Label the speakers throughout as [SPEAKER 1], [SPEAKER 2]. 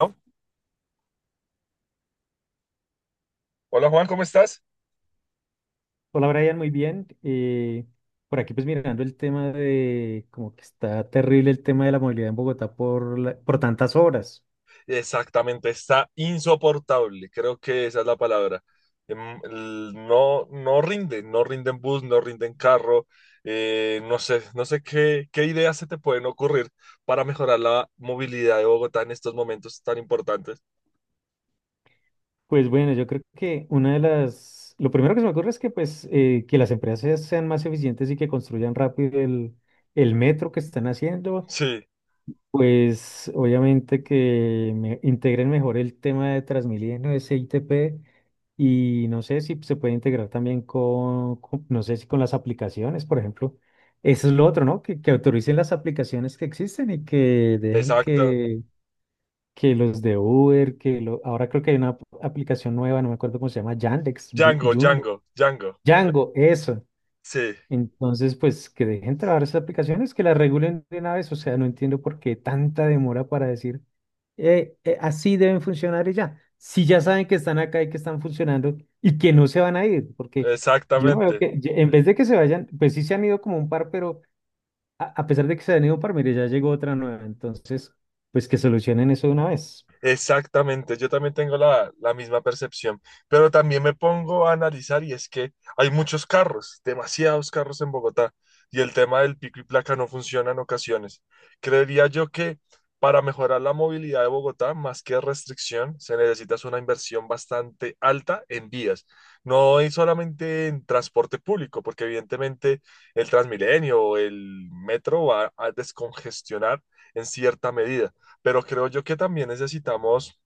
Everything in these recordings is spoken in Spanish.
[SPEAKER 1] ¿No? Hola Juan, ¿cómo estás?
[SPEAKER 2] Hola Brian, muy bien. Por aquí pues mirando el tema de como que está terrible el tema de la movilidad en Bogotá por, por tantas obras.
[SPEAKER 1] Exactamente, está insoportable, creo que esa es la palabra. No, no rinde, no rinden bus, no rinden carro. No sé qué ideas se te pueden ocurrir para mejorar la movilidad de Bogotá en estos momentos tan importantes.
[SPEAKER 2] Pues bueno, yo creo que una de las, lo primero que se me ocurre es que pues que las empresas sean más eficientes y que construyan rápido el metro que están haciendo.
[SPEAKER 1] Sí,
[SPEAKER 2] Pues obviamente que me integren mejor el tema de Transmilenio, ese ITP, y no sé si se puede integrar también con, no sé si con las aplicaciones, por ejemplo. Eso es lo otro, ¿no? Que autoricen las aplicaciones que existen y que dejen
[SPEAKER 1] exacto.
[SPEAKER 2] que los de Uber, que lo, ahora creo que hay una aplicación nueva, no me acuerdo cómo se llama, Yandex,
[SPEAKER 1] Django,
[SPEAKER 2] Yundo,
[SPEAKER 1] Django, Django.
[SPEAKER 2] Django, eso.
[SPEAKER 1] Sí,
[SPEAKER 2] Entonces, pues que dejen trabajar esas aplicaciones, que las regulen de una vez. O sea, no entiendo por qué tanta demora para decir, así deben funcionar y ya. Si ya saben que están acá y que están funcionando y que no se van a ir, porque yo no veo
[SPEAKER 1] exactamente.
[SPEAKER 2] que, en vez de que se vayan, pues sí se han ido como un par, pero a pesar de que se han ido un par, mire, ya llegó otra nueva. Entonces, pues que solucionen eso de una vez.
[SPEAKER 1] Exactamente, yo también tengo la misma percepción, pero también me pongo a analizar y es que hay muchos carros, demasiados carros en Bogotá y el tema del pico y placa no funciona en ocasiones. Creería yo que para mejorar la movilidad de Bogotá, más que restricción, se necesita es una inversión bastante alta en vías, no es solamente en transporte público, porque evidentemente el Transmilenio o el metro va a descongestionar en cierta medida, pero creo yo que también necesitamos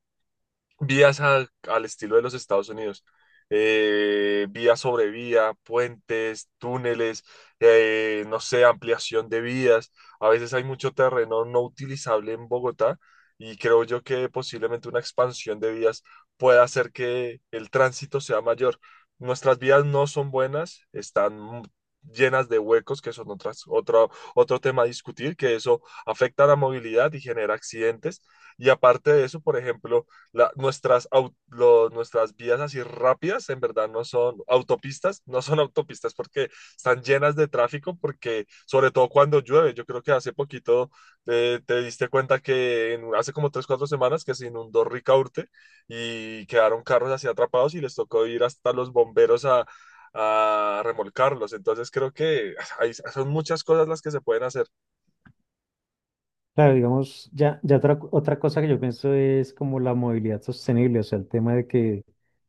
[SPEAKER 1] vías al estilo de los Estados Unidos. Vía sobre vía, puentes, túneles, no sé, ampliación de vías. A veces hay mucho terreno no utilizable en Bogotá y creo yo que posiblemente una expansión de vías pueda hacer que el tránsito sea mayor. Nuestras vías no son buenas, están llenas de huecos, que son otras, otro tema a discutir, que eso afecta a la movilidad y genera accidentes. Y aparte de eso, por ejemplo, nuestras vías así rápidas, en verdad no son autopistas, no son autopistas, porque están llenas de tráfico, porque sobre todo cuando llueve. Yo creo que hace poquito, te diste cuenta que hace como 3, 4 semanas que se inundó Ricaurte y quedaron carros así atrapados y les tocó ir hasta los bomberos a remolcarlos. Entonces creo que hay son muchas cosas las que se pueden hacer.
[SPEAKER 2] Claro, digamos, ya, ya otra, otra cosa que yo pienso es como la movilidad sostenible, o sea, el tema de que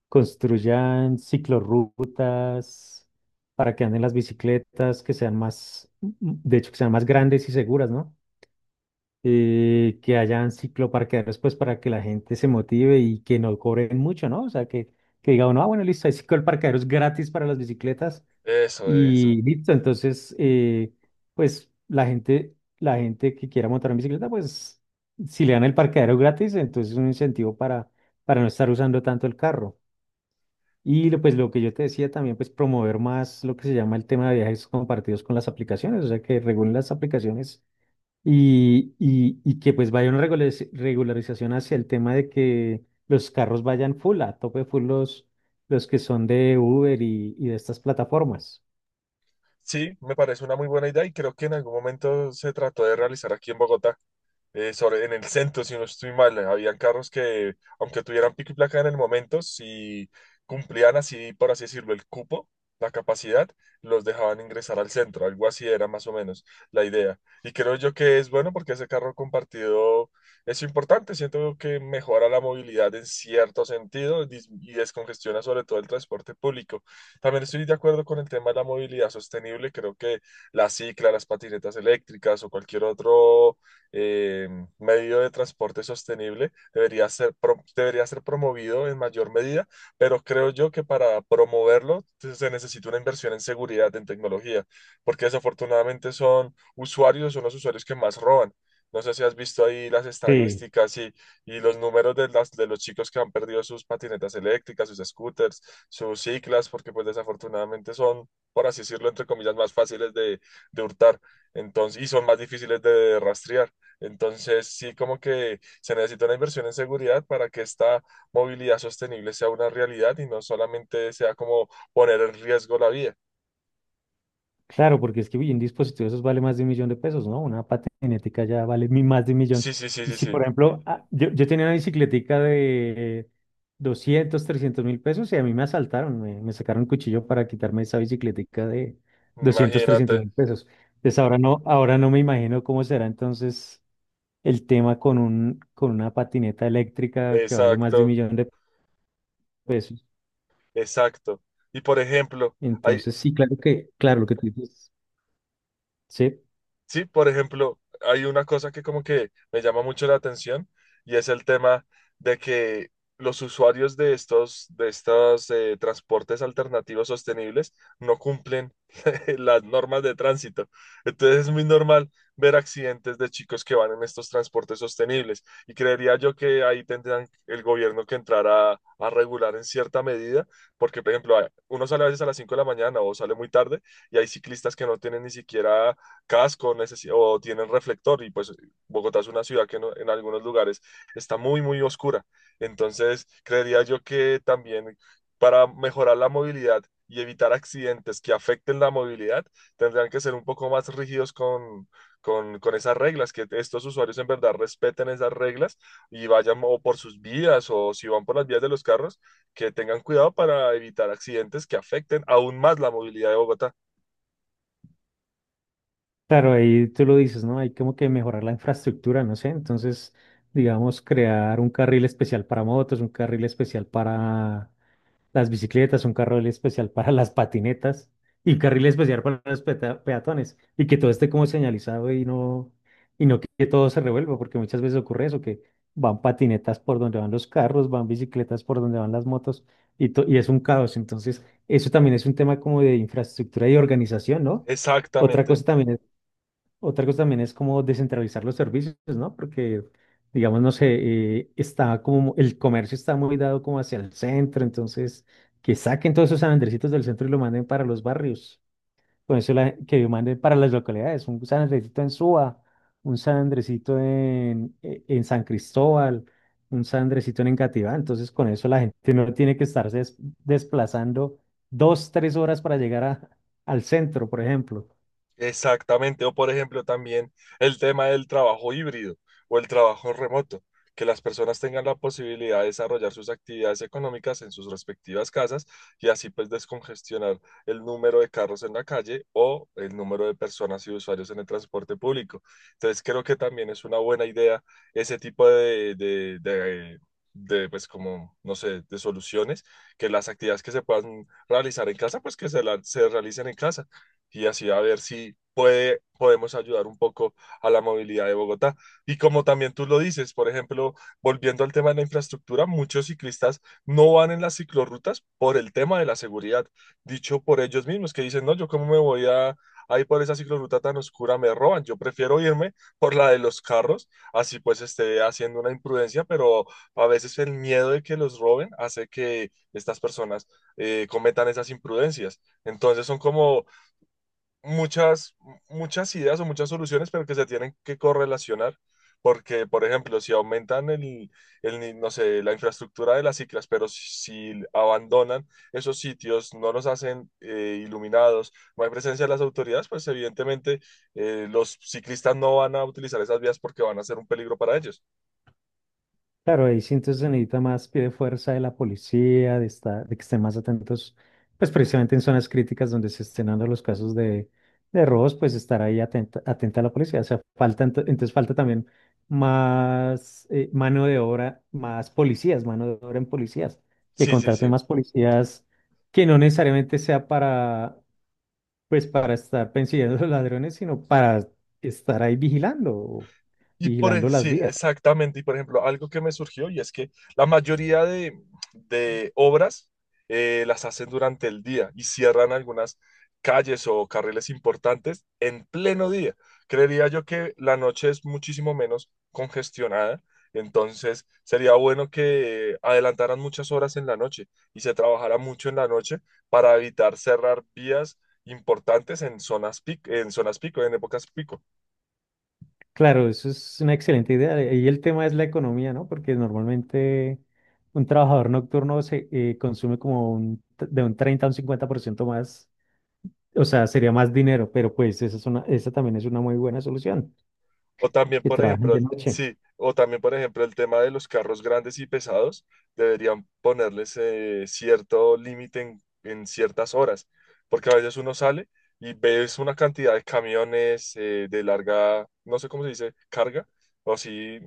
[SPEAKER 2] construyan ciclorrutas para que anden las bicicletas, que sean más, de hecho, que sean más grandes y seguras, ¿no? Que hayan cicloparqueaderos, pues, para que la gente se motive y que no cobren mucho, ¿no? O sea, que diga uno, ah, bueno, listo, hay cicloparqueaderos gratis para las bicicletas,
[SPEAKER 1] Eso, eso.
[SPEAKER 2] y listo, entonces, pues la gente que quiera montar en bicicleta, pues si le dan el parqueadero gratis, entonces es un incentivo para no estar usando tanto el carro. Pues lo que yo te decía también, pues promover más lo que se llama el tema de viajes compartidos con las aplicaciones, o sea, que regulen las aplicaciones y que pues vaya una regularización hacia el tema de que los carros vayan full, a tope full los que son de Uber y de estas plataformas.
[SPEAKER 1] Sí, me parece una muy buena idea y creo que en algún momento se trató de realizar aquí en Bogotá, sobre, en el centro, si no estoy mal. Habían carros que, aunque tuvieran pico y placa en el momento, si cumplían así, por así decirlo, el cupo, la capacidad, los dejaban ingresar al centro. Algo así era más o menos la idea. Y creo yo que es bueno porque ese carro compartido es importante. Siento que mejora la movilidad en cierto sentido y descongestiona sobre todo el transporte público. También estoy de acuerdo con el tema de la movilidad sostenible. Creo que la cicla, las patinetas eléctricas o cualquier otro eh, medio de transporte sostenible debería ser promovido en mayor medida, pero creo yo que para promoverlo se necesita una inversión en seguridad, en tecnología, porque desafortunadamente son los usuarios que más roban. No sé si has visto ahí las
[SPEAKER 2] Sí.
[SPEAKER 1] estadísticas, y los números de los chicos que han perdido sus patinetas eléctricas, sus scooters, sus ciclas, porque pues desafortunadamente son, por así decirlo, entre comillas, más fáciles de hurtar, entonces, y son más difíciles de rastrear. Entonces, sí, como que se necesita una inversión en seguridad para que esta movilidad sostenible sea una realidad y no solamente sea como poner en riesgo la vía.
[SPEAKER 2] Claro, porque es que uy, un dispositivo de esos vale más de un millón de pesos, ¿no? Una patinética ya vale más de un millón.
[SPEAKER 1] Sí, sí, sí,
[SPEAKER 2] Y
[SPEAKER 1] sí,
[SPEAKER 2] si,
[SPEAKER 1] sí,
[SPEAKER 2] por ejemplo, ah, yo tenía una bicicletica de 200, 300 mil pesos y a mí me asaltaron, me sacaron un cuchillo para quitarme esa bicicletica de 200, 300
[SPEAKER 1] imagínate,
[SPEAKER 2] mil pesos. Entonces ahora no me imagino cómo será entonces el tema con un, con una patineta eléctrica que vale más de un
[SPEAKER 1] exacto,
[SPEAKER 2] millón de pesos.
[SPEAKER 1] exacto. Y por ejemplo, hay,
[SPEAKER 2] Entonces sí, claro que, claro, lo que tú dices, sí.
[SPEAKER 1] Sí, por ejemplo, hay una cosa que como que me llama mucho la atención y es el tema de que los usuarios de estos transportes alternativos sostenibles no cumplen las normas de tránsito. Entonces es muy normal ver accidentes de chicos que van en estos transportes sostenibles y creería yo que ahí tendrán el gobierno que entrar a regular en cierta medida, porque por ejemplo, uno sale a veces a las 5 de la mañana o sale muy tarde y hay ciclistas que no tienen ni siquiera casco o tienen reflector, y pues Bogotá es una ciudad que no- en algunos lugares está muy, muy oscura. Entonces, creería yo que también, para mejorar la movilidad y evitar accidentes que afecten la movilidad, tendrían que ser un poco más rígidos con esas reglas, que estos usuarios en verdad respeten esas reglas y vayan o por sus vías o, si van por las vías de los carros, que tengan cuidado para evitar accidentes que afecten aún más la movilidad de Bogotá.
[SPEAKER 2] Claro, ahí tú lo dices, ¿no? Hay como que mejorar la infraestructura, no sé. Entonces, digamos, crear un carril especial para motos, un carril especial para las bicicletas, un carril especial para las patinetas y un carril especial para los peatones. Y que todo esté como señalizado y no que todo se revuelva, porque muchas veces ocurre eso, que van patinetas por donde van los carros, van bicicletas por donde van las motos y, y es un caos. Entonces, eso también es un tema como de infraestructura y organización, ¿no? Otra
[SPEAKER 1] Exactamente.
[SPEAKER 2] cosa también es Otra cosa también es como descentralizar los servicios, ¿no? Porque, digamos, no sé, está como el comercio está muy dado como hacia el centro, entonces que saquen todos esos San Andresitos del centro y lo manden para los barrios. Con eso que lo manden para las localidades, un San Andresito en Suba, un San Andresito en, en San Cristóbal, un San Andresito en Engativá. Entonces, con eso la gente no tiene que estarse desplazando dos, tres horas para llegar al centro, por ejemplo.
[SPEAKER 1] Exactamente, o por ejemplo también el tema del trabajo híbrido o el trabajo remoto, que las personas tengan la posibilidad de desarrollar sus actividades económicas en sus respectivas casas, y así pues descongestionar el número de carros en la calle o el número de personas y usuarios en el transporte público. Entonces creo que también es una buena idea ese tipo de pues como, no sé, de soluciones, que las actividades que se puedan realizar en casa, pues que se realicen en casa, y así a ver si podemos ayudar un poco a la movilidad de Bogotá. Y como también tú lo dices, por ejemplo, volviendo al tema de la infraestructura, muchos ciclistas no van en las ciclorrutas por el tema de la seguridad, dicho por ellos mismos, que dicen, "No, yo cómo me voy a. Ahí por esa ciclorruta tan oscura me roban. Yo prefiero irme por la de los carros, así pues esté haciendo una imprudencia". Pero a veces el miedo de que los roben hace que estas personas cometan esas imprudencias. Entonces son como muchas, muchas ideas o muchas soluciones, pero que se tienen que correlacionar. Porque, por ejemplo, si aumentan el ni- no sé, la infraestructura de las ciclas, pero si si abandonan esos sitios, no los hacen iluminados, no hay presencia de las autoridades, pues evidentemente los ciclistas no van a utilizar esas vías porque van a ser un peligro para ellos.
[SPEAKER 2] Claro, ahí sí entonces se necesita más pie de fuerza de la policía, de, de que estén más atentos, pues precisamente en zonas críticas donde se estén dando los casos de robos, pues estar ahí atenta, atenta a la policía. O sea, falta, entonces falta también más mano de obra, más policías, mano de obra en policías, que
[SPEAKER 1] Sí, sí,
[SPEAKER 2] contraten
[SPEAKER 1] sí.
[SPEAKER 2] más policías que no necesariamente sea para, pues para estar persiguiendo a los ladrones, sino para estar ahí vigilando,
[SPEAKER 1] Y por, e-
[SPEAKER 2] vigilando las
[SPEAKER 1] sí,
[SPEAKER 2] vías.
[SPEAKER 1] exactamente. Y por ejemplo, algo que me surgió y es que la mayoría de obras, las hacen durante el día y cierran algunas calles o carriles importantes en pleno día. Creería yo que la noche es muchísimo menos congestionada, entonces sería bueno que adelantaran muchas horas en la noche y se trabajara mucho en la noche para evitar cerrar vías importantes en zonas pico, en épocas pico.
[SPEAKER 2] Claro, eso es una excelente idea. Y el tema es la economía, ¿no? Porque normalmente un trabajador nocturno se consume como un, de un 30 a un 50% más, o sea, sería más dinero, pero pues esa es una, esa también es una muy buena solución,
[SPEAKER 1] O también,
[SPEAKER 2] que
[SPEAKER 1] por
[SPEAKER 2] trabajen
[SPEAKER 1] ejemplo,
[SPEAKER 2] de
[SPEAKER 1] el,
[SPEAKER 2] noche.
[SPEAKER 1] sí, o también, por ejemplo, el tema de los carros grandes y pesados. Deberían ponerles cierto límite en, ciertas horas, porque a veces uno sale y ves una cantidad de camiones de larga, no sé cómo se dice, carga, o así,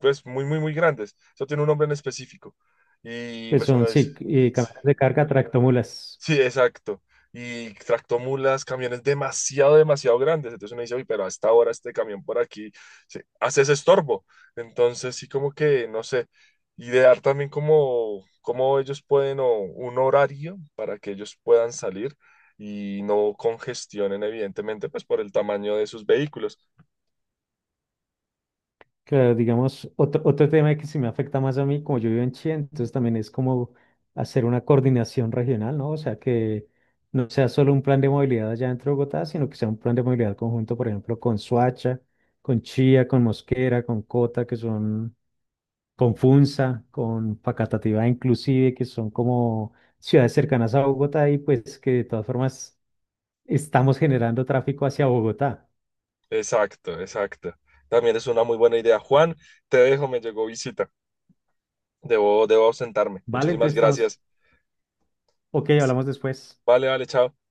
[SPEAKER 1] pues muy, muy, muy grandes. Eso tiene un nombre en específico. Y
[SPEAKER 2] Pues
[SPEAKER 1] pues
[SPEAKER 2] son,
[SPEAKER 1] uno dice,
[SPEAKER 2] sí, camiones de carga, tractomulas.
[SPEAKER 1] sí, exacto. Y tractomulas, camiones demasiado, demasiado grandes. Entonces uno dice, uy, pero a esta hora este camión por aquí hace ese estorbo. Entonces sí, como que, no sé, idear también cómo, ellos pueden, o un horario para que ellos puedan salir y no congestionen, evidentemente, pues por el tamaño de sus vehículos.
[SPEAKER 2] Claro, digamos, otro, otro tema que sí me afecta más a mí, como yo vivo en Chile, entonces también es como hacer una coordinación regional, ¿no? O sea, que no sea solo un plan de movilidad allá dentro de Bogotá, sino que sea un plan de movilidad conjunto, por ejemplo, con Soacha, con Chía, con Mosquera, con Cota, que son, con Funza, con Facatativá inclusive, que son como ciudades cercanas a Bogotá y pues que de todas formas estamos generando tráfico hacia Bogotá,
[SPEAKER 1] Exacto, exacto. También es una muy buena idea. Juan, te dejo, me llegó visita. Debo ausentarme.
[SPEAKER 2] ¿vale?
[SPEAKER 1] Muchísimas
[SPEAKER 2] Entonces estamos,
[SPEAKER 1] gracias.
[SPEAKER 2] ok, hablamos después.
[SPEAKER 1] Vale, vale, chao.